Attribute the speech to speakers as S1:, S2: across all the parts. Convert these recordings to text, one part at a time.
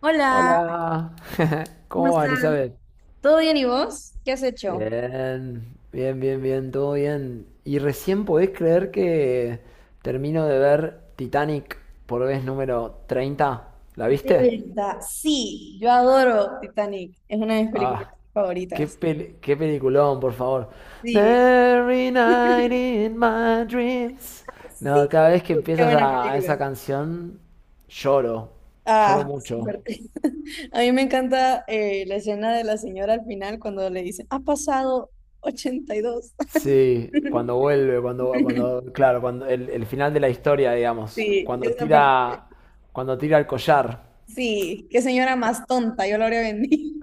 S1: Hola,
S2: Hola,
S1: ¿cómo
S2: ¿cómo va,
S1: estás?
S2: Elizabeth?
S1: ¿Todo bien y vos? ¿Qué has hecho?
S2: Bien, bien, bien, bien, todo bien. Y recién podés creer que termino de ver Titanic por vez número 30. ¿La
S1: De
S2: viste?
S1: verdad, sí, yo adoro Titanic, es una de mis películas
S2: Ah,
S1: favoritas.
S2: qué peliculón, por favor.
S1: Sí,
S2: Every night in my dreams. No,
S1: sí,
S2: cada vez que
S1: qué
S2: empiezas
S1: buena
S2: a
S1: película.
S2: esa canción, lloro, lloro
S1: Ah,
S2: mucho.
S1: suerte. A mí me encanta la escena de la señora al final cuando le dicen, ha pasado 82.
S2: Sí, cuando vuelve, claro, cuando el final de la historia, digamos,
S1: Sí, esa parte.
S2: cuando tira el collar.
S1: Sí, qué señora más tonta, yo lo habría vendido.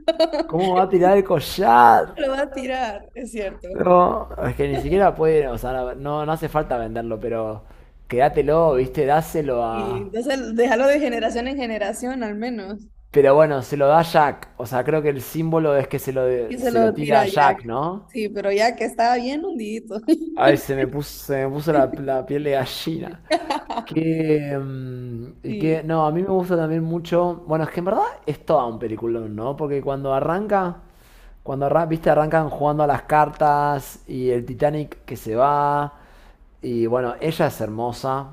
S2: ¿Cómo va a tirar el collar?
S1: Lo va a tirar, es cierto.
S2: No, es que ni siquiera puede, o sea, no hace falta venderlo, pero quédatelo, viste, dáselo
S1: Y
S2: a...
S1: entonces, déjalo de generación en generación, al menos.
S2: Pero bueno, se lo da Jack, o sea, creo que el símbolo es que
S1: Es que se
S2: se lo
S1: lo
S2: tira
S1: tira
S2: a
S1: a Jack.
S2: Jack, ¿no?
S1: Sí, pero Jack estaba bien hundidito.
S2: Ay, se me puso la piel de gallina. Que, y que,
S1: Sí.
S2: no, a mí me gusta también mucho. Bueno, es que en verdad es todo un peliculón, ¿no? Porque cuando arranca, viste, arrancan jugando a las cartas y el Titanic que se va. Y bueno, ella es hermosa,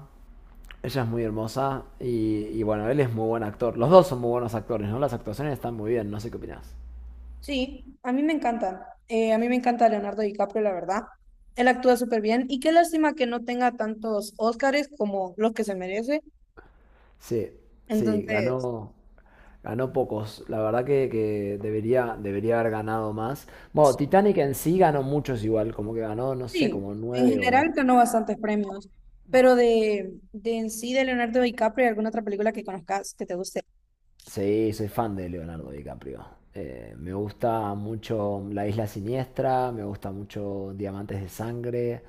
S2: ella es muy hermosa. Y bueno, él es muy buen actor. Los dos son muy buenos actores, ¿no? Las actuaciones están muy bien, no sé qué opinás.
S1: Sí, a mí me encanta. A mí me encanta Leonardo DiCaprio, la verdad. Él actúa súper bien y qué lástima que no tenga tantos Óscares como los que se merece.
S2: Sí, sí,
S1: Entonces,
S2: ganó. Ganó pocos. La verdad que, debería, debería haber ganado más. Bueno, Titanic en sí ganó muchos igual. Como que ganó, no sé,
S1: sí,
S2: como
S1: en
S2: nueve o,
S1: general ganó bastantes premios. Pero de en sí, de Leonardo DiCaprio, ¿hay ¿alguna otra película que conozcas que te guste?
S2: sí, soy fan de Leonardo DiCaprio. Me gusta mucho La Isla Siniestra, me gusta mucho Diamantes de Sangre,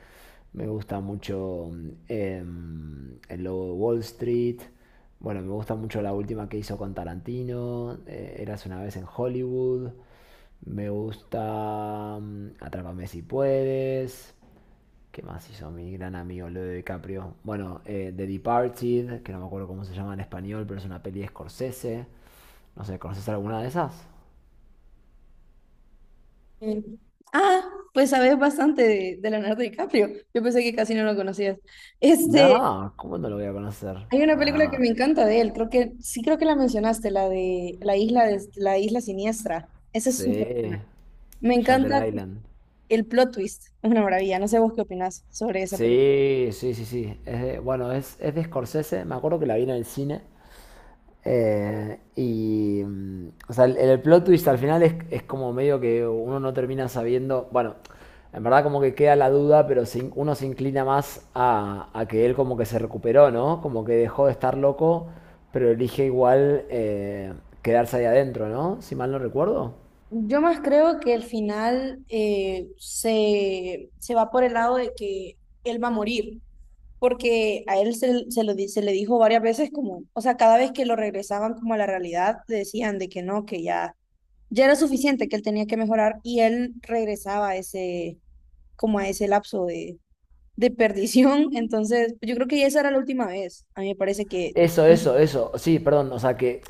S2: me gusta mucho El Lobo de Wall Street. Bueno, me gusta mucho la última que hizo con Tarantino, Eras una vez en Hollywood. Me gusta Atrápame si puedes. ¿Qué más hizo mi gran amigo Leo DiCaprio? Bueno, The Departed, que no me acuerdo cómo se llama en español, pero es una peli de Scorsese. No sé, ¿conoces alguna de esas?
S1: Eh, ah, pues sabes bastante de Leonardo DiCaprio. Yo pensé que casi no lo conocías. Este,
S2: No, ¿cómo no lo voy a conocer?
S1: hay una película que
S2: No,
S1: me encanta de él. Creo que sí, creo que la mencionaste, la de la isla siniestra. Esa es súper
S2: sí,
S1: buena. Me
S2: Shutter
S1: encanta
S2: Island.
S1: el plot twist. Es una maravilla. No sé vos qué opinás sobre esa película.
S2: Sí, sí, sí, sí. Bueno, es de Scorsese. Me acuerdo que la vi en el cine. O sea, el plot twist al final es como medio que uno no termina sabiendo, bueno, en verdad como que queda la duda, pero se uno se inclina más a que él como que se recuperó, ¿no? Como que dejó de estar loco, pero elige igual quedarse ahí adentro, ¿no? Si mal no recuerdo.
S1: Yo más creo que el final se va por el lado de que él va a morir. Porque a él se lo, se le dijo varias veces como, o sea, cada vez que lo regresaban como a la realidad, le decían de que no, que ya, ya era suficiente, que él tenía que mejorar y él regresaba a ese, como a ese lapso de perdición. Entonces, yo creo que esa era la última vez. A mí me parece que
S2: Eso, eso, eso. Sí, perdón, o sea, que,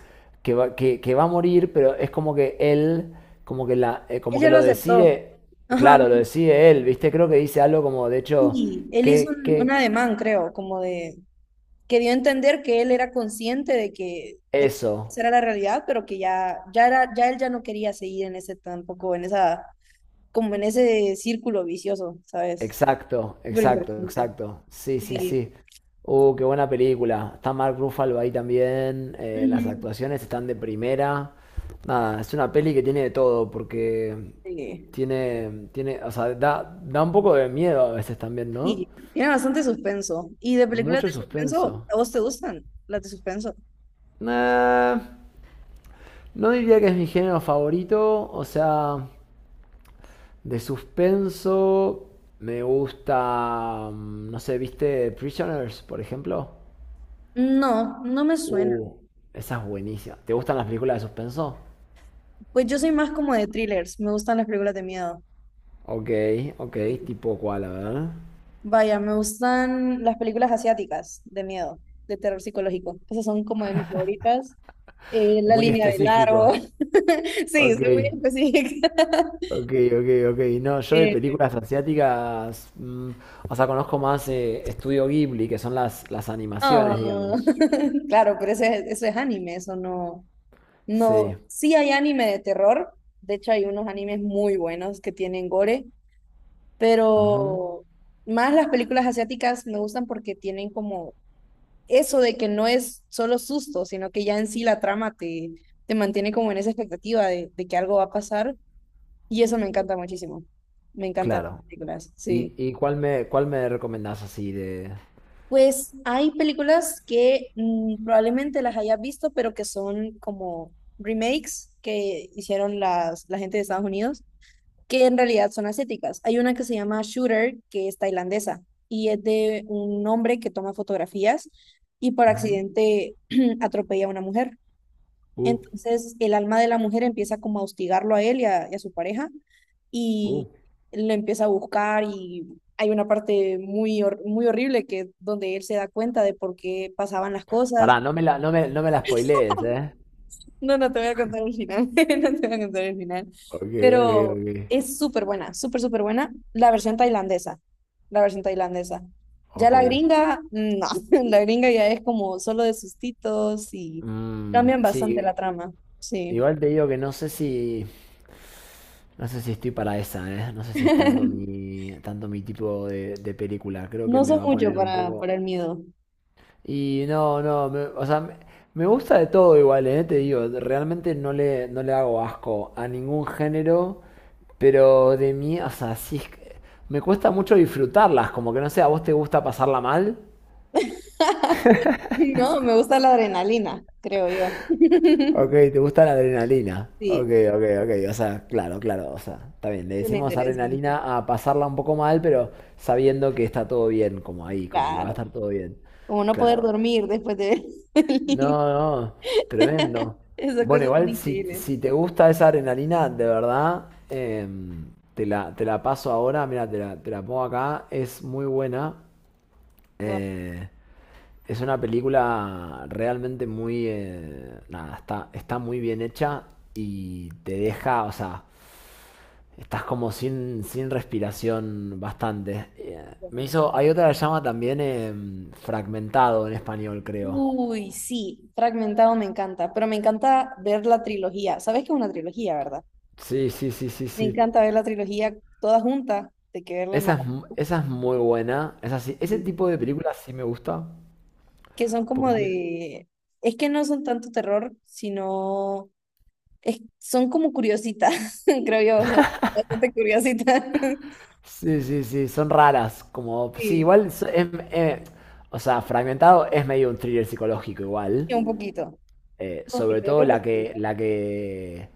S2: que va, que, que va a morir, pero es como que él, como que
S1: él
S2: como que
S1: ya lo
S2: lo
S1: aceptó.
S2: decide,
S1: Ajá.
S2: claro, lo decide él, ¿viste? Creo que dice algo como, de hecho,
S1: Y él hizo
S2: que,
S1: un
S2: que,
S1: ademán, creo, como de, que dio a entender que él era consciente de de que
S2: eso.
S1: esa era la realidad, pero que ya, ya, era, ya él ya no quería seguir en ese tampoco, en esa, como en ese círculo vicioso, ¿sabes?
S2: Exacto,
S1: Súper
S2: exacto,
S1: interesante.
S2: exacto. Sí, sí,
S1: Sí.
S2: sí. Qué buena película. Está Mark Ruffalo ahí también. Las
S1: Ujú.
S2: actuaciones están de primera. Nada, es una peli que tiene de todo, porque
S1: Sí.
S2: tiene, o sea, da un poco de miedo a veces también, ¿no?
S1: Y tiene bastante suspenso. ¿Y de películas
S2: Mucho
S1: de suspenso,
S2: suspenso.
S1: a vos te gustan las de suspenso?
S2: Nah, no diría que es mi género favorito. O sea, de suspenso me gusta, no sé, ¿viste Prisoners, por ejemplo?
S1: No, no me suena.
S2: Uh, esa es buenísima. ¿Te gustan las películas de suspenso?
S1: Pues yo soy más como de thrillers, me gustan las películas de miedo.
S2: Ok, ok, tipo cuál, a ver.
S1: Vaya, me gustan las películas asiáticas de miedo, de terror psicológico. Esas son como de mis favoritas. La
S2: Muy
S1: línea del largo.
S2: específico.
S1: Sí,
S2: Ok,
S1: soy muy específica.
S2: ok, ok, ok. No, yo de
S1: Eh,
S2: películas asiáticas, mm, o sea, conozco más Estudio Ghibli, que son las animaciones,
S1: ah.
S2: digamos.
S1: Claro, pero ese, eso es anime, eso no, no.
S2: Sí.
S1: Sí hay anime de terror. De hecho, hay unos animes muy buenos que tienen gore,
S2: Ujú,
S1: pero más las películas asiáticas me gustan porque tienen como eso de que no es solo susto, sino que ya en sí la trama te mantiene como en esa expectativa de que algo va a pasar y eso me encanta muchísimo. Me encantan
S2: claro.
S1: las películas,
S2: ¿Y,
S1: sí.
S2: cuál me recomendás así de...?
S1: Pues hay películas que probablemente las hayas visto, pero que son como remakes que hicieron la gente de Estados Unidos, que en realidad son asiáticas. Hay una que se llama Shooter, que es tailandesa, y es de un hombre que toma fotografías y por
S2: Ujú,
S1: accidente atropella a una mujer.
S2: uh,
S1: Entonces el alma de la mujer empieza como a hostigarlo a él y a su pareja
S2: uh.
S1: y lo empieza a buscar y hay una parte muy, muy horrible que donde él se da cuenta de por qué pasaban las cosas.
S2: Pará, no me la spoilees, ¿eh?
S1: No, no te voy a contar el final, no te voy a contar el final,
S2: Ok, ok,
S1: pero
S2: ok.
S1: es súper buena, súper, súper buena la versión tailandesa, la versión tailandesa. Ya
S2: Ok.
S1: la gringa, no, la gringa ya es como solo de sustitos y
S2: Mm,
S1: cambian bastante la
S2: sí,
S1: trama, sí.
S2: igual te digo que no sé si... No sé si estoy para esa, ¿eh? No sé si es tanto mi tipo de película. Creo que
S1: No
S2: me
S1: soy
S2: va a
S1: mucho
S2: poner un poco...
S1: para el miedo.
S2: Y no, no, me gusta de todo igual, ¿eh? Te digo, realmente no le hago asco a ningún género. Pero de mí, o sea, sí, es que me cuesta mucho disfrutarlas, como que no sé, ¿a vos te gusta pasarla mal?
S1: No, me gusta la adrenalina, creo yo.
S2: Ok, ¿te gusta la adrenalina? Ok,
S1: Sí,
S2: ok, ok, o sea, claro, claro, o sea, está bien, le
S1: es lo
S2: decimos
S1: interesante.
S2: adrenalina a pasarla un poco mal, pero sabiendo que está todo bien, como ahí, como que va a
S1: Claro.
S2: estar todo bien.
S1: Como no poder
S2: Claro.
S1: dormir después de ver el-
S2: No, no, tremendo.
S1: Esas
S2: Bueno,
S1: cosas son
S2: igual si,
S1: increíbles.
S2: si te gusta esa adrenalina, de verdad, te la paso ahora, mira, te la pongo acá, es muy buena.
S1: Guau,
S2: eh, Es una película realmente muy... nada, está, está muy bien hecha y te deja, o sea, estás como sin, sin respiración bastante. Me
S1: guau.
S2: hizo... Hay otra que se llama también Fragmentado en español, creo.
S1: Uy, sí, Fragmentado me encanta, pero me encanta ver la trilogía. ¿Sabes que es una trilogía, verdad?
S2: Sí, sí, sí, sí,
S1: Me
S2: sí.
S1: encanta ver la trilogía toda junta, de que verla en
S2: Esa es,
S1: maratón,
S2: esa es muy buena. Ese tipo de películas sí me gusta.
S1: que son como
S2: Porque
S1: de, es que no son tanto terror, sino es- son como curiositas, creo yo, son bastante curiositas.
S2: sí, sí, sí, son raras. Como, sí,
S1: Sí,
S2: igual. O sea, Fragmentado es medio un thriller psicológico,
S1: sí,
S2: igual.
S1: un
S2: Sobre
S1: poquito, yo
S2: todo
S1: creo que sí.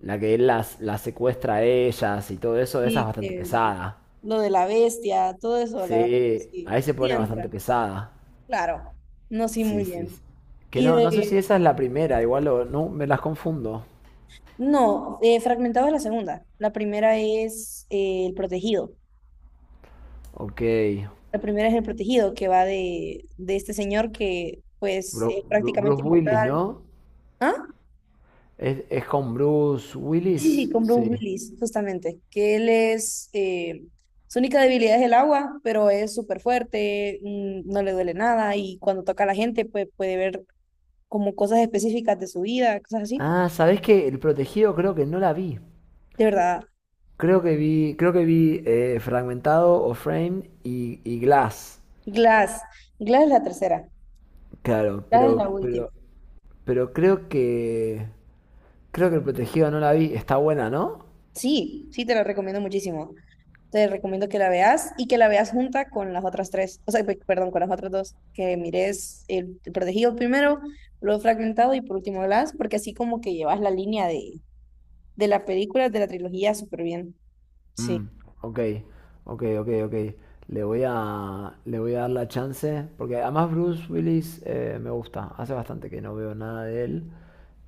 S2: la que él las secuestra a ellas y todo eso, esa es
S1: Sí,
S2: bastante pesada.
S1: lo de la bestia, todo eso, la verdad que
S2: Sí,
S1: sí,
S2: ahí se
S1: sí
S2: pone bastante
S1: entra,
S2: pesada.
S1: claro. No, sí, muy
S2: Sí, sí.
S1: bien.
S2: sí. Que
S1: Y
S2: no, no sé si
S1: de,
S2: esa es la primera, igual no, me las confundo.
S1: no, fragmentado es la segunda. La primera es El Protegido.
S2: Ok.
S1: La primera es El Protegido, que va de este señor que, pues, es prácticamente
S2: Bruce Willis,
S1: inmortal.
S2: ¿no?
S1: ¿Ah?
S2: Es con Bruce
S1: Sí, sí,
S2: Willis?
S1: con
S2: Sí.
S1: Bruce Willis, justamente, que él es, su única debilidad es el agua, pero es súper fuerte, no le duele nada y cuando toca a la gente pues, puede ver como cosas específicas de su vida, cosas así.
S2: Ah, ¿sabés qué? El protegido creo que no la vi.
S1: De verdad,
S2: Creo que vi Fragmentado o Frame y Glass.
S1: Glass, Glass es la tercera,
S2: Claro,
S1: Glass es la última.
S2: pero creo que. Creo que el protegido no la vi. Está buena, ¿no?
S1: Sí, sí, te la recomiendo muchísimo. Te recomiendo que la veas y que la veas junta con las otras tres, o sea, perdón, con las otras dos, que mires el protegido primero, luego fragmentado y por último Glass, porque así como que llevas la línea de las películas de la trilogía súper bien. Sí.
S2: Mm, ok, ok, ok, ok. Le voy a dar la chance. Porque además Bruce Willis me gusta. Hace bastante que no veo nada de él.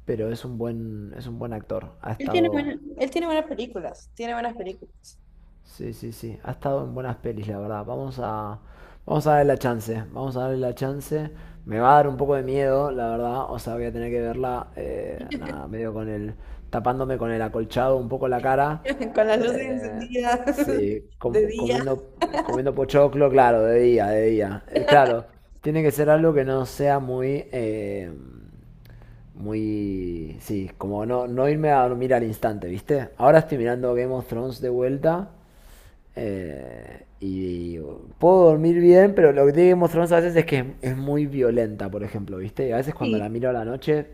S2: Es un buen actor. Ha
S1: Él tiene
S2: estado.
S1: él tiene buenas películas, tiene buenas películas.
S2: Sí, sí, sí. Ha estado en buenas pelis, la verdad. Vamos a darle la chance. Vamos a darle la chance. Me va a dar un poco de miedo, la verdad. O sea, voy a tener que verla, nada, medio tapándome con el acolchado un poco la cara.
S1: Con las luces
S2: Eh,
S1: encendidas
S2: sí,
S1: de día.
S2: comiendo, comiendo pochoclo, claro, de día, de día. Claro, tiene que ser algo que no sea muy, muy, sí, como no, no irme a dormir al instante, ¿viste? Ahora estoy mirando Game of Thrones de vuelta. Y puedo dormir bien, pero lo que tiene que mostrarnos a veces es que es muy violenta, por ejemplo, ¿viste? A veces cuando
S1: Sí,
S2: la miro a la noche,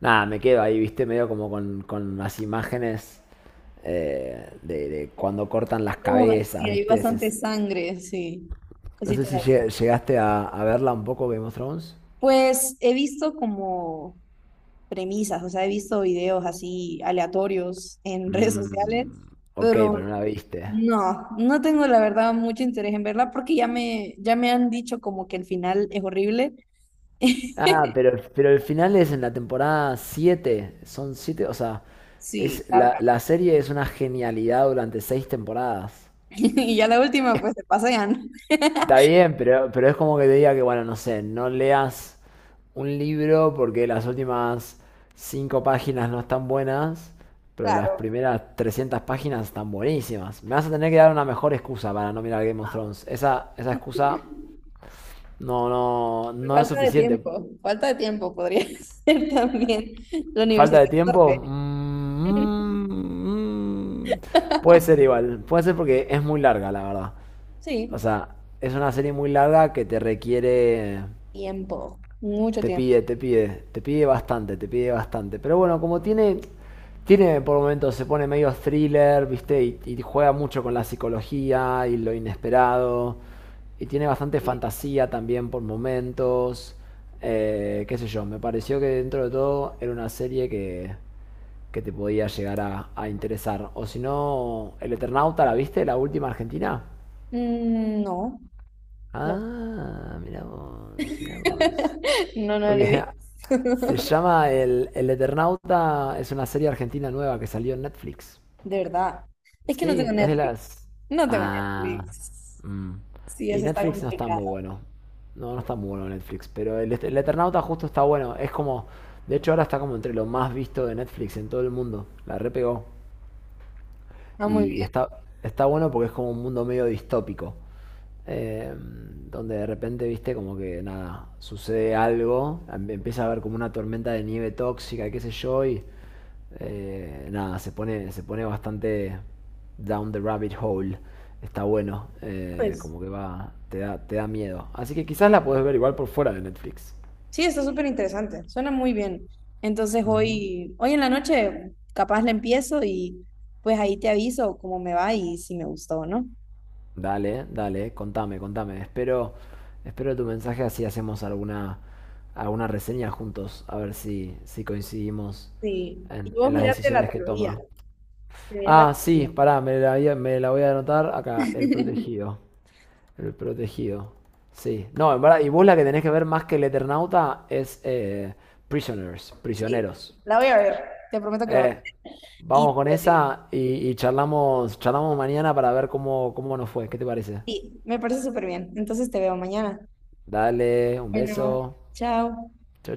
S2: nada, me quedo ahí, ¿viste? Medio como con las imágenes de cuando cortan
S1: es
S2: las
S1: como, sí,
S2: cabezas,
S1: hay
S2: ¿viste?
S1: bastante sangre, sí.
S2: No sé
S1: Cositas
S2: si
S1: así.
S2: llegaste a verla un poco, Game of Thrones.
S1: Pues he visto como premisas, o sea, he visto videos así aleatorios en redes sociales,
S2: Mm, ok,
S1: pero
S2: pero no la viste.
S1: no, no tengo la verdad mucho interés en verla porque ya me han dicho como que el final es horrible.
S2: Ah, pero el final es en la temporada 7, Son 7, o sea,
S1: Sí,
S2: es,
S1: claro.
S2: la serie es una genialidad durante 6 temporadas.
S1: Y ya la última, pues se pasean.
S2: Está bien, pero es como que te diga que, bueno, no sé, no leas un libro porque las últimas 5 páginas no están buenas, pero las
S1: Claro.
S2: primeras 300 páginas están buenísimas. Me vas a tener que dar una mejor excusa para no mirar Game of Thrones. Esa excusa no es suficiente.
S1: Falta de tiempo podría ser también la
S2: ¿Falta
S1: Universidad
S2: de tiempo?
S1: de
S2: Mm, puede ser igual. Puede ser porque es muy larga, la verdad. O
S1: sí,
S2: sea, es una serie muy larga que te requiere.
S1: tiempo, mucho
S2: Te
S1: tiempo.
S2: pide, te pide. Te pide bastante, te pide bastante. Pero bueno, como tiene. Tiene por momentos, se pone medio thriller, ¿viste? Y juega mucho con la psicología y lo inesperado. Y tiene bastante
S1: Sí.
S2: fantasía también por momentos. Qué sé yo, me pareció que dentro de todo era una serie que te podía llegar a interesar. O si no, El Eternauta, ¿la viste? La última argentina.
S1: Mm, no, La-
S2: Ah, mirá vos, mirá vos.
S1: no, no
S2: Porque
S1: le vi,
S2: se llama El Eternauta, es una serie argentina nueva que salió en Netflix.
S1: de verdad. Es que no tengo
S2: Sí, es de
S1: Netflix,
S2: las...
S1: no tengo
S2: Ah,
S1: Netflix.
S2: mm.
S1: Sí,
S2: Y
S1: eso está
S2: Netflix no está
S1: complicado.
S2: muy bueno. No, no está muy bueno Netflix, pero el Eternauta justo está bueno. Es como, de hecho ahora está como entre lo más visto de Netflix en todo el mundo. La repegó.
S1: Ah, muy
S2: Y
S1: bien,
S2: está, está bueno porque es como un mundo medio distópico. eh, Donde de repente, viste, como que nada, sucede algo, empieza a haber como una tormenta de nieve tóxica, qué sé yo, y nada, se pone bastante down the rabbit hole. Está bueno,
S1: pues.
S2: como que va, te da miedo. Así que quizás la puedes ver igual por fuera de Netflix.
S1: Sí, está súper interesante, suena muy bien. Entonces
S2: Ujú.
S1: hoy, hoy en la noche capaz la empiezo y pues ahí te aviso cómo me va y si me gustó o no.
S2: Dale, dale, contame, contame. Espero, espero tu mensaje así hacemos alguna, alguna reseña juntos, a ver si, si coincidimos
S1: Sí. Y vos
S2: en las
S1: mirate la
S2: decisiones que
S1: trilogía.
S2: toma.
S1: Te mirás la
S2: Ah, sí,
S1: trilogía.
S2: pará, me la voy a anotar acá, el protegido. El protegido. Sí. No, en verdad, y vos la que tenés que ver más que el Eternauta es Prisoners,
S1: Sí,
S2: prisioneros.
S1: la voy a ver, te prometo que la voy a
S2: Eh,
S1: ver. Y
S2: vamos
S1: te
S2: con
S1: lo digo.
S2: esa y charlamos, charlamos mañana para ver cómo, cómo nos fue. ¿Qué te parece?
S1: Sí, me parece súper bien. Entonces te veo mañana.
S2: Dale, un
S1: Bueno.
S2: beso.
S1: Chao.
S2: Chao.